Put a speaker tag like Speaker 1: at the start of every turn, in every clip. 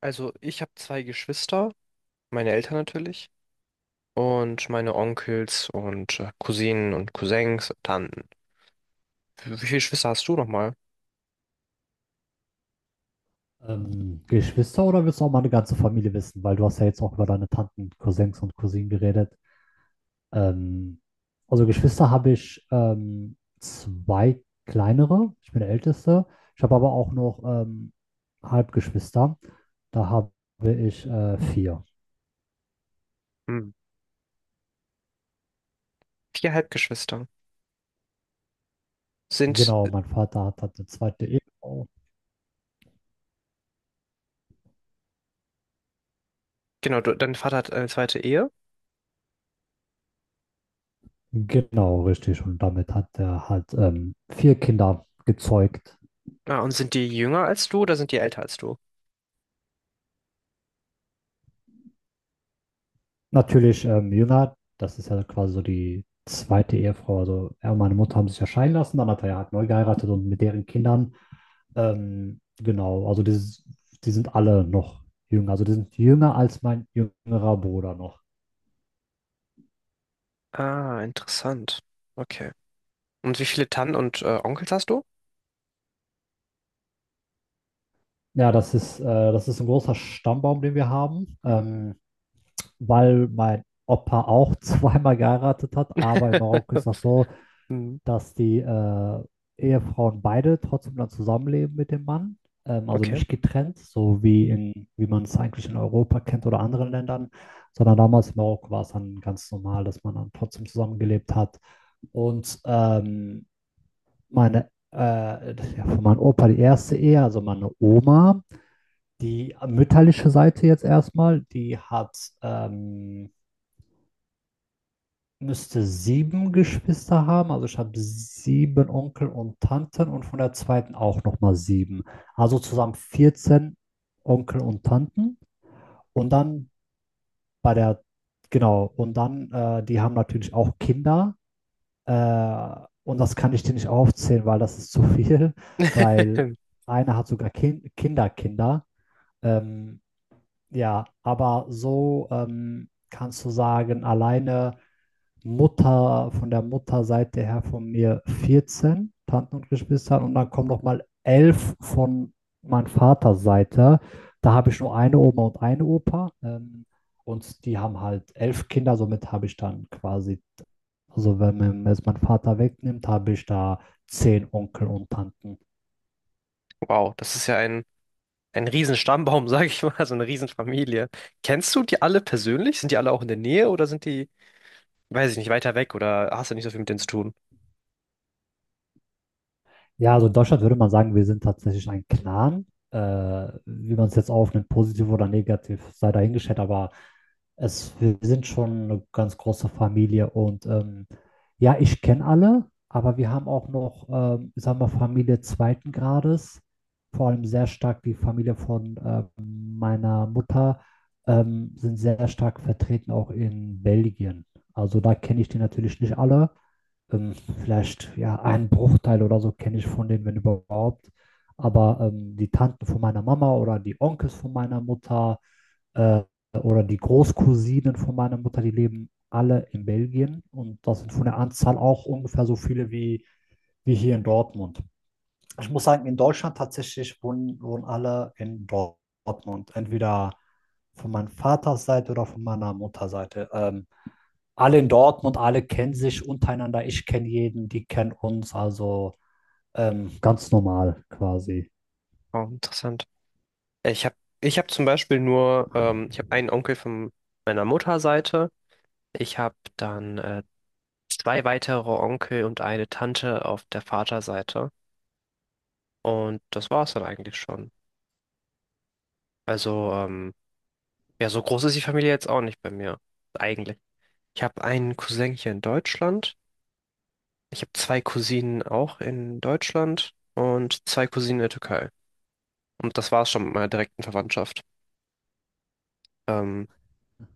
Speaker 1: Also ich habe zwei Geschwister, meine Eltern natürlich und meine Onkels und Cousinen und Cousins und Tanten. Wie viele Geschwister hast du nochmal?
Speaker 2: Geschwister oder willst du auch mal eine ganze Familie wissen? Weil du hast ja jetzt auch über deine Tanten, Cousins und Cousinen geredet. Ähm, also Geschwister habe ich zwei kleinere. Ich bin der Älteste. Ich habe aber auch noch Halbgeschwister. Da habe ich vier.
Speaker 1: Hm. Vier Halbgeschwister. Sind,
Speaker 2: Genau, mein Vater hat eine zweite Ehefrau.
Speaker 1: genau, du, dein Vater hat eine zweite Ehe.
Speaker 2: Genau, richtig. Und damit hat er halt vier Kinder gezeugt.
Speaker 1: Ah, und sind die jünger als du oder sind die älter als du?
Speaker 2: Natürlich Milner, das ist ja quasi so die zweite Ehefrau. Also er und meine Mutter haben sich ja scheiden lassen, dann hat er ja halt neu geheiratet und mit deren Kindern, genau, also die sind alle noch jünger. Also die sind jünger als mein jüngerer Bruder noch.
Speaker 1: Ah, interessant. Okay. Und wie viele Tanten und Onkels hast du?
Speaker 2: Ja, das ist ein großer Stammbaum, den wir haben, weil mein Opa auch zweimal geheiratet hat, aber in Marokko ist das so,
Speaker 1: Hm.
Speaker 2: dass die Ehefrauen beide trotzdem dann zusammenleben mit dem Mann, also
Speaker 1: Okay.
Speaker 2: nicht getrennt, wie man es eigentlich in Europa kennt oder anderen Ländern, sondern damals in Marokko war es dann ganz normal, dass man dann trotzdem zusammengelebt hat. Und das ist ja von meinem Opa die erste Ehe, also meine Oma, die mütterliche Seite jetzt erstmal, die hat ähm, müsste sieben Geschwister haben. Also ich habe sieben Onkel und Tanten und von der zweiten auch nochmal sieben. Also zusammen 14 Onkel und Tanten. Und dann bei der, genau, und dann, die haben natürlich auch Kinder. Äh, und das kann ich dir nicht aufzählen, weil das ist zu viel, weil einer hat sogar Kinder. Ähm, ja, aber so kannst du sagen, alleine Mutter, von der Mutterseite her von mir 14 Tanten und Geschwister und dann kommen nochmal 11 von meiner Vaterseite. Da habe ich nur eine Oma und eine Opa. Und die haben halt 11 Kinder, somit habe ich dann quasi, also wenn man jetzt meinen Vater wegnimmt, habe ich da 10 Onkel und Tanten.
Speaker 1: Wow, das ist ja ein Riesenstammbaum, sage ich mal, so eine Riesenfamilie. Kennst du die alle persönlich? Sind die alle auch in der Nähe oder sind die, weiß ich nicht, weiter weg oder hast du nicht so viel mit denen zu tun?
Speaker 2: Ja, also in Deutschland würde man sagen, wir sind tatsächlich ein Clan. Wie man es jetzt aufnimmt, positiv oder negativ, sei dahingestellt, aber wir sind schon eine ganz große Familie und ja, ich kenne alle, aber wir haben auch noch, sagen wir, Familie zweiten Grades, vor allem sehr stark die Familie von meiner Mutter, sind sehr stark vertreten auch in Belgien. Also da kenne ich die natürlich nicht alle. Vielleicht ja einen Bruchteil oder so kenne ich von denen, wenn überhaupt. Aber die Tanten von meiner Mama oder die Onkels von meiner Mutter äh, oder die Großcousinen von meiner Mutter, die leben alle in Belgien und das sind von der Anzahl auch ungefähr so viele wie hier in Dortmund. Ich muss sagen, in Deutschland tatsächlich wohnen alle in Dortmund. Entweder von meiner Vaterseite oder von meiner Mutterseite. Alle in Dortmund, alle kennen sich untereinander. Ich kenne jeden, die kennen uns. Also ganz normal quasi.
Speaker 1: Oh, interessant. Ich habe Ich hab zum Beispiel nur, ich habe einen Onkel von meiner Mutterseite. Ich habe dann zwei weitere Onkel und eine Tante auf der Vaterseite. Und das war es dann eigentlich schon. Also, ja, so groß ist die Familie jetzt auch nicht bei mir. Eigentlich. Ich habe einen Cousin hier in Deutschland. Ich habe zwei Cousinen auch in Deutschland und zwei Cousinen in der Türkei. Und das war's schon mit meiner direkten Verwandtschaft. Ähm,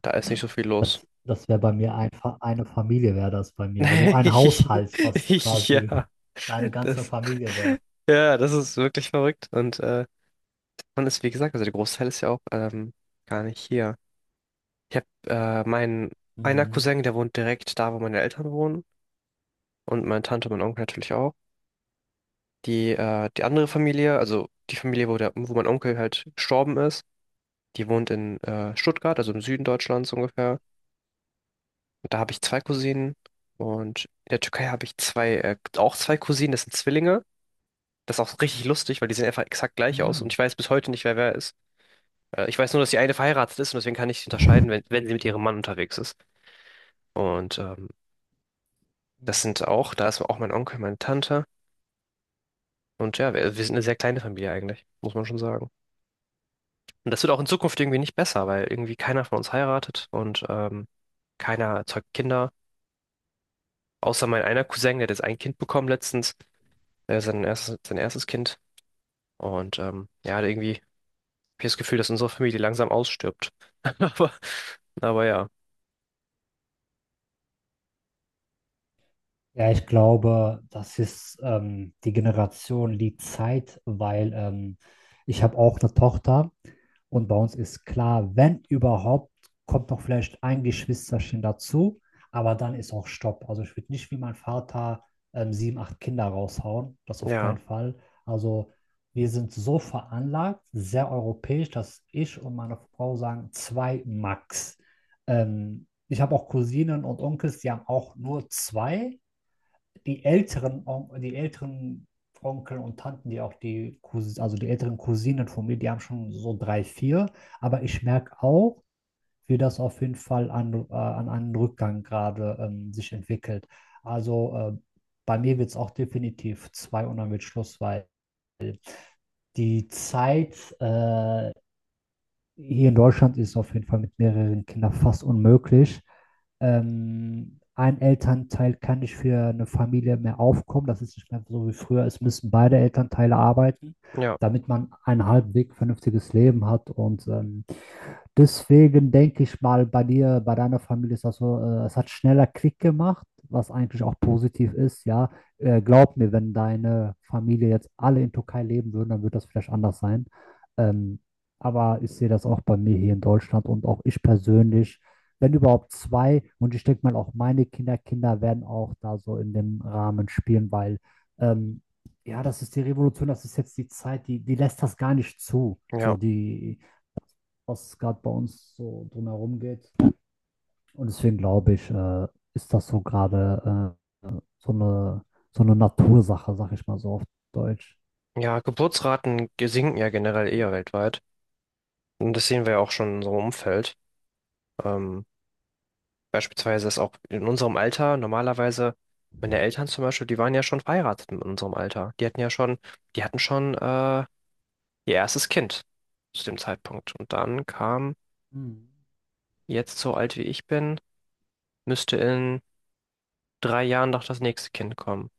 Speaker 1: Da ist nicht so viel los.
Speaker 2: Das wäre bei mir einfach eine Familie, wäre das bei mir. Also ein Haushalt, was quasi
Speaker 1: Ja,
Speaker 2: deine ganze Familie wäre.
Speaker 1: ja, das ist wirklich verrückt. Und man ist, wie gesagt, also der Großteil ist ja auch gar nicht hier. Ich habe meinen einer
Speaker 2: Mhm.
Speaker 1: Cousin, der wohnt direkt da, wo meine Eltern wohnen. Und meine Tante und mein Onkel natürlich auch. Die andere Familie, also die Familie, wo, wo mein Onkel halt gestorben ist, die wohnt in Stuttgart, also im Süden Deutschlands ungefähr. Und da habe ich zwei Cousinen. Und in der Türkei habe ich auch zwei Cousinen, das sind Zwillinge. Das ist auch richtig lustig, weil die sehen einfach exakt gleich aus. Und
Speaker 2: Hm.
Speaker 1: ich weiß bis heute nicht, wer wer ist. Ich weiß nur, dass die eine verheiratet ist und deswegen kann ich sie unterscheiden, wenn sie mit ihrem
Speaker 2: Geil.
Speaker 1: Mann unterwegs ist. Und
Speaker 2: Hm.
Speaker 1: da ist auch mein Onkel, meine Tante. Und ja, wir sind eine sehr kleine Familie eigentlich, muss man schon sagen. Und das wird auch in Zukunft irgendwie nicht besser, weil irgendwie keiner von uns heiratet und keiner zeugt Kinder. Außer mein einer Cousin, der hat jetzt ein Kind bekommen letztens, sein erstes Kind. Und ja, irgendwie habe ich das Gefühl, dass unsere Familie langsam ausstirbt. Aber, aber, ja,
Speaker 2: Ja, ich glaube, das ist die Generation, die Zeit, weil ich habe auch eine Tochter und bei uns ist klar, wenn überhaupt, kommt noch vielleicht ein Geschwisterchen dazu, aber dann ist auch Stopp. Also ich würde nicht wie mein Vater sieben, acht Kinder raushauen, das auf keinen
Speaker 1: ja,
Speaker 2: Fall. Also wir sind so veranlagt, sehr europäisch, dass ich und meine Frau sagen, zwei Max. Ähm, Ich habe auch Cousinen und Onkels, die haben auch nur zwei, die älteren Onkel und Tanten, die auch die Cousins, also die älteren Cousinen von mir, die haben schon so drei, vier. Aber ich merke auch, wie das auf jeden Fall an einen Rückgang gerade sich entwickelt. Also bei mir wird es auch definitiv zwei und dann wird Schluss, weil die Zeit, äh, hier in Deutschland ist es auf jeden Fall mit mehreren Kindern fast unmöglich. Ein Elternteil kann nicht für eine Familie mehr aufkommen. Das ist nicht mehr so wie früher. Es müssen beide Elternteile arbeiten,
Speaker 1: ja,
Speaker 2: damit man ein halbwegs vernünftiges Leben hat. Und deswegen denke ich mal, bei dir, bei deiner Familie ist das so, es hat schneller Klick gemacht, was eigentlich auch positiv ist, ja. Glaub mir, wenn deine Familie jetzt alle in Türkei leben würden, dann würde das vielleicht anders sein. Ähm, aber ich sehe das auch bei mir hier in Deutschland und auch ich persönlich, wenn überhaupt zwei, und ich denke mal auch meine Kinder, Kinder werden auch da so in dem Rahmen spielen, weil ähm, ja, das ist die Revolution, das ist jetzt die Zeit, die lässt das gar nicht zu. So,
Speaker 1: ja.
Speaker 2: was gerade bei uns so drumherum geht. Und deswegen glaube ich, ist das so gerade so eine, so eine Natursache, sag ich mal so auf Deutsch.
Speaker 1: Ja, Geburtsraten sinken ja generell eher weltweit. Und das sehen wir ja auch schon in unserem Umfeld. Ähm, Beispielsweise ist auch in unserem Alter normalerweise, meine Eltern zum Beispiel, die waren ja schon verheiratet in unserem Alter. Die hatten schon ihr erstes Kind zu dem Zeitpunkt. Und dann kam
Speaker 2: Mhm.
Speaker 1: jetzt so alt wie ich bin, müsste in 3 Jahren noch das nächste Kind kommen.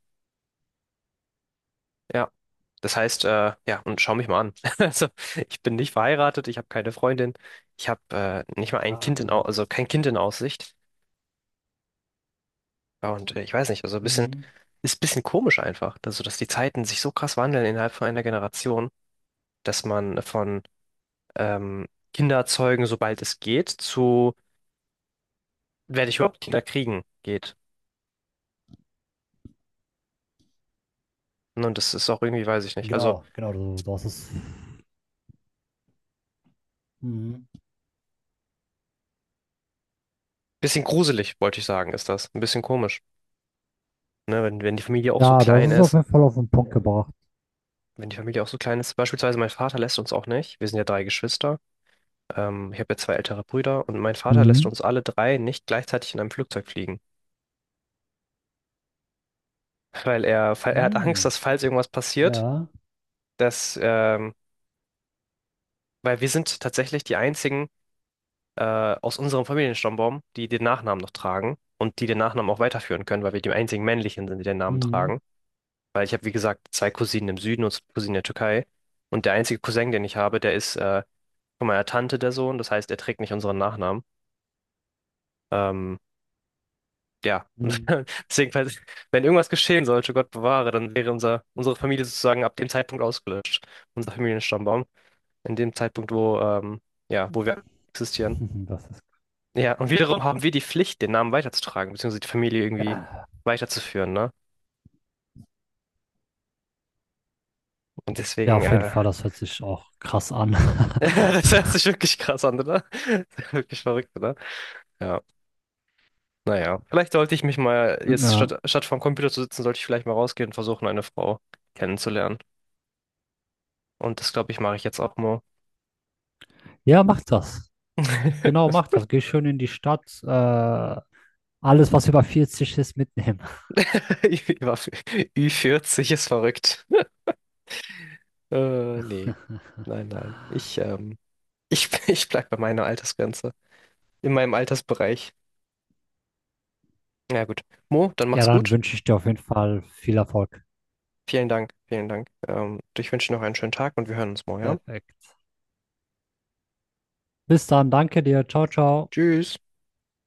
Speaker 1: Ja, das heißt, ja, und schau mich mal an. Also, ich bin nicht verheiratet, ich habe keine Freundin, ich habe nicht mal ein
Speaker 2: Ja.
Speaker 1: Kind in, Au- also kein Kind in Aussicht. Ja, und ich weiß nicht, also
Speaker 2: Mhm.
Speaker 1: ist ein bisschen komisch einfach, also, dass die Zeiten sich so krass wandeln innerhalb von einer Generation, dass man von ähm, Kinder zeugen, sobald es geht, zu werde ich überhaupt Kinder kriegen, geht. Ne, und das ist auch irgendwie, weiß ich nicht. Also,
Speaker 2: Genau, genau, du hast es. Mhm.
Speaker 1: bisschen gruselig, wollte ich sagen, ist das. Ein bisschen komisch, ne? Wenn die Familie auch so
Speaker 2: Ja, du
Speaker 1: klein
Speaker 2: hast es auf
Speaker 1: ist.
Speaker 2: jeden Fall auf den Punkt gebracht.
Speaker 1: Wenn die Familie auch so klein ist. Beispielsweise mein Vater lässt uns auch nicht. Wir sind ja drei Geschwister. Ich habe ja zwei ältere Brüder und mein Vater lässt
Speaker 2: Mhm.
Speaker 1: uns alle drei nicht gleichzeitig in einem Flugzeug fliegen. Weil er hat Angst,
Speaker 2: Mhm.
Speaker 1: dass falls irgendwas passiert,
Speaker 2: Ja.
Speaker 1: dass, ähm, weil wir sind tatsächlich die einzigen äh, aus unserem Familienstammbaum, die den Nachnamen noch tragen und die den Nachnamen auch weiterführen können, weil wir die einzigen männlichen sind, die den Namen
Speaker 2: Mhm.
Speaker 1: tragen. Weil ich habe, wie gesagt, zwei Cousinen im Süden und zwei Cousinen in der Türkei. Und der einzige Cousin, den ich habe, der ist von meiner Tante der Sohn. Das heißt, er trägt nicht unseren Nachnamen. Ähm, ja,
Speaker 2: Mhm.
Speaker 1: deswegen, falls, wenn irgendwas geschehen sollte, Gott bewahre, dann wäre unsere Familie sozusagen ab dem Zeitpunkt ausgelöscht. Unser Familienstammbaum. In dem Zeitpunkt, ja, wo wir existieren.
Speaker 2: Das ist.
Speaker 1: Ja, und wiederum haben wir die Pflicht, den Namen weiterzutragen, beziehungsweise die Familie irgendwie weiterzuführen, ne? Und
Speaker 2: Ja,
Speaker 1: deswegen,
Speaker 2: auf jeden Fall, das hört sich auch krass an.
Speaker 1: das hört sich wirklich krass an, oder? Wirklich verrückt, oder? Ja, naja. Vielleicht sollte ich mich mal, jetzt
Speaker 2: Ja.
Speaker 1: statt vorm Computer zu sitzen, sollte ich vielleicht mal rausgehen und versuchen, eine Frau kennenzulernen. Und das, glaube ich, mache ich jetzt auch mal.
Speaker 2: Ja, macht das. Genau, mach das. Geh schön in die Stadt. Alles, was über 40 ist, mitnehmen.
Speaker 1: ü 40 ist verrückt. Nee. Nein, nein. Ich bleib bei meiner Altersgrenze. In meinem Altersbereich. Na ja, gut. Mo, dann
Speaker 2: Ja,
Speaker 1: mach's
Speaker 2: dann
Speaker 1: gut.
Speaker 2: wünsche ich dir auf jeden Fall viel Erfolg.
Speaker 1: Vielen Dank, vielen Dank. Ich wünsche dir noch einen schönen Tag und wir hören uns morgen, ja?
Speaker 2: Perfekt. Bis dann. Danke dir. Ciao, ciao.
Speaker 1: Tschüss.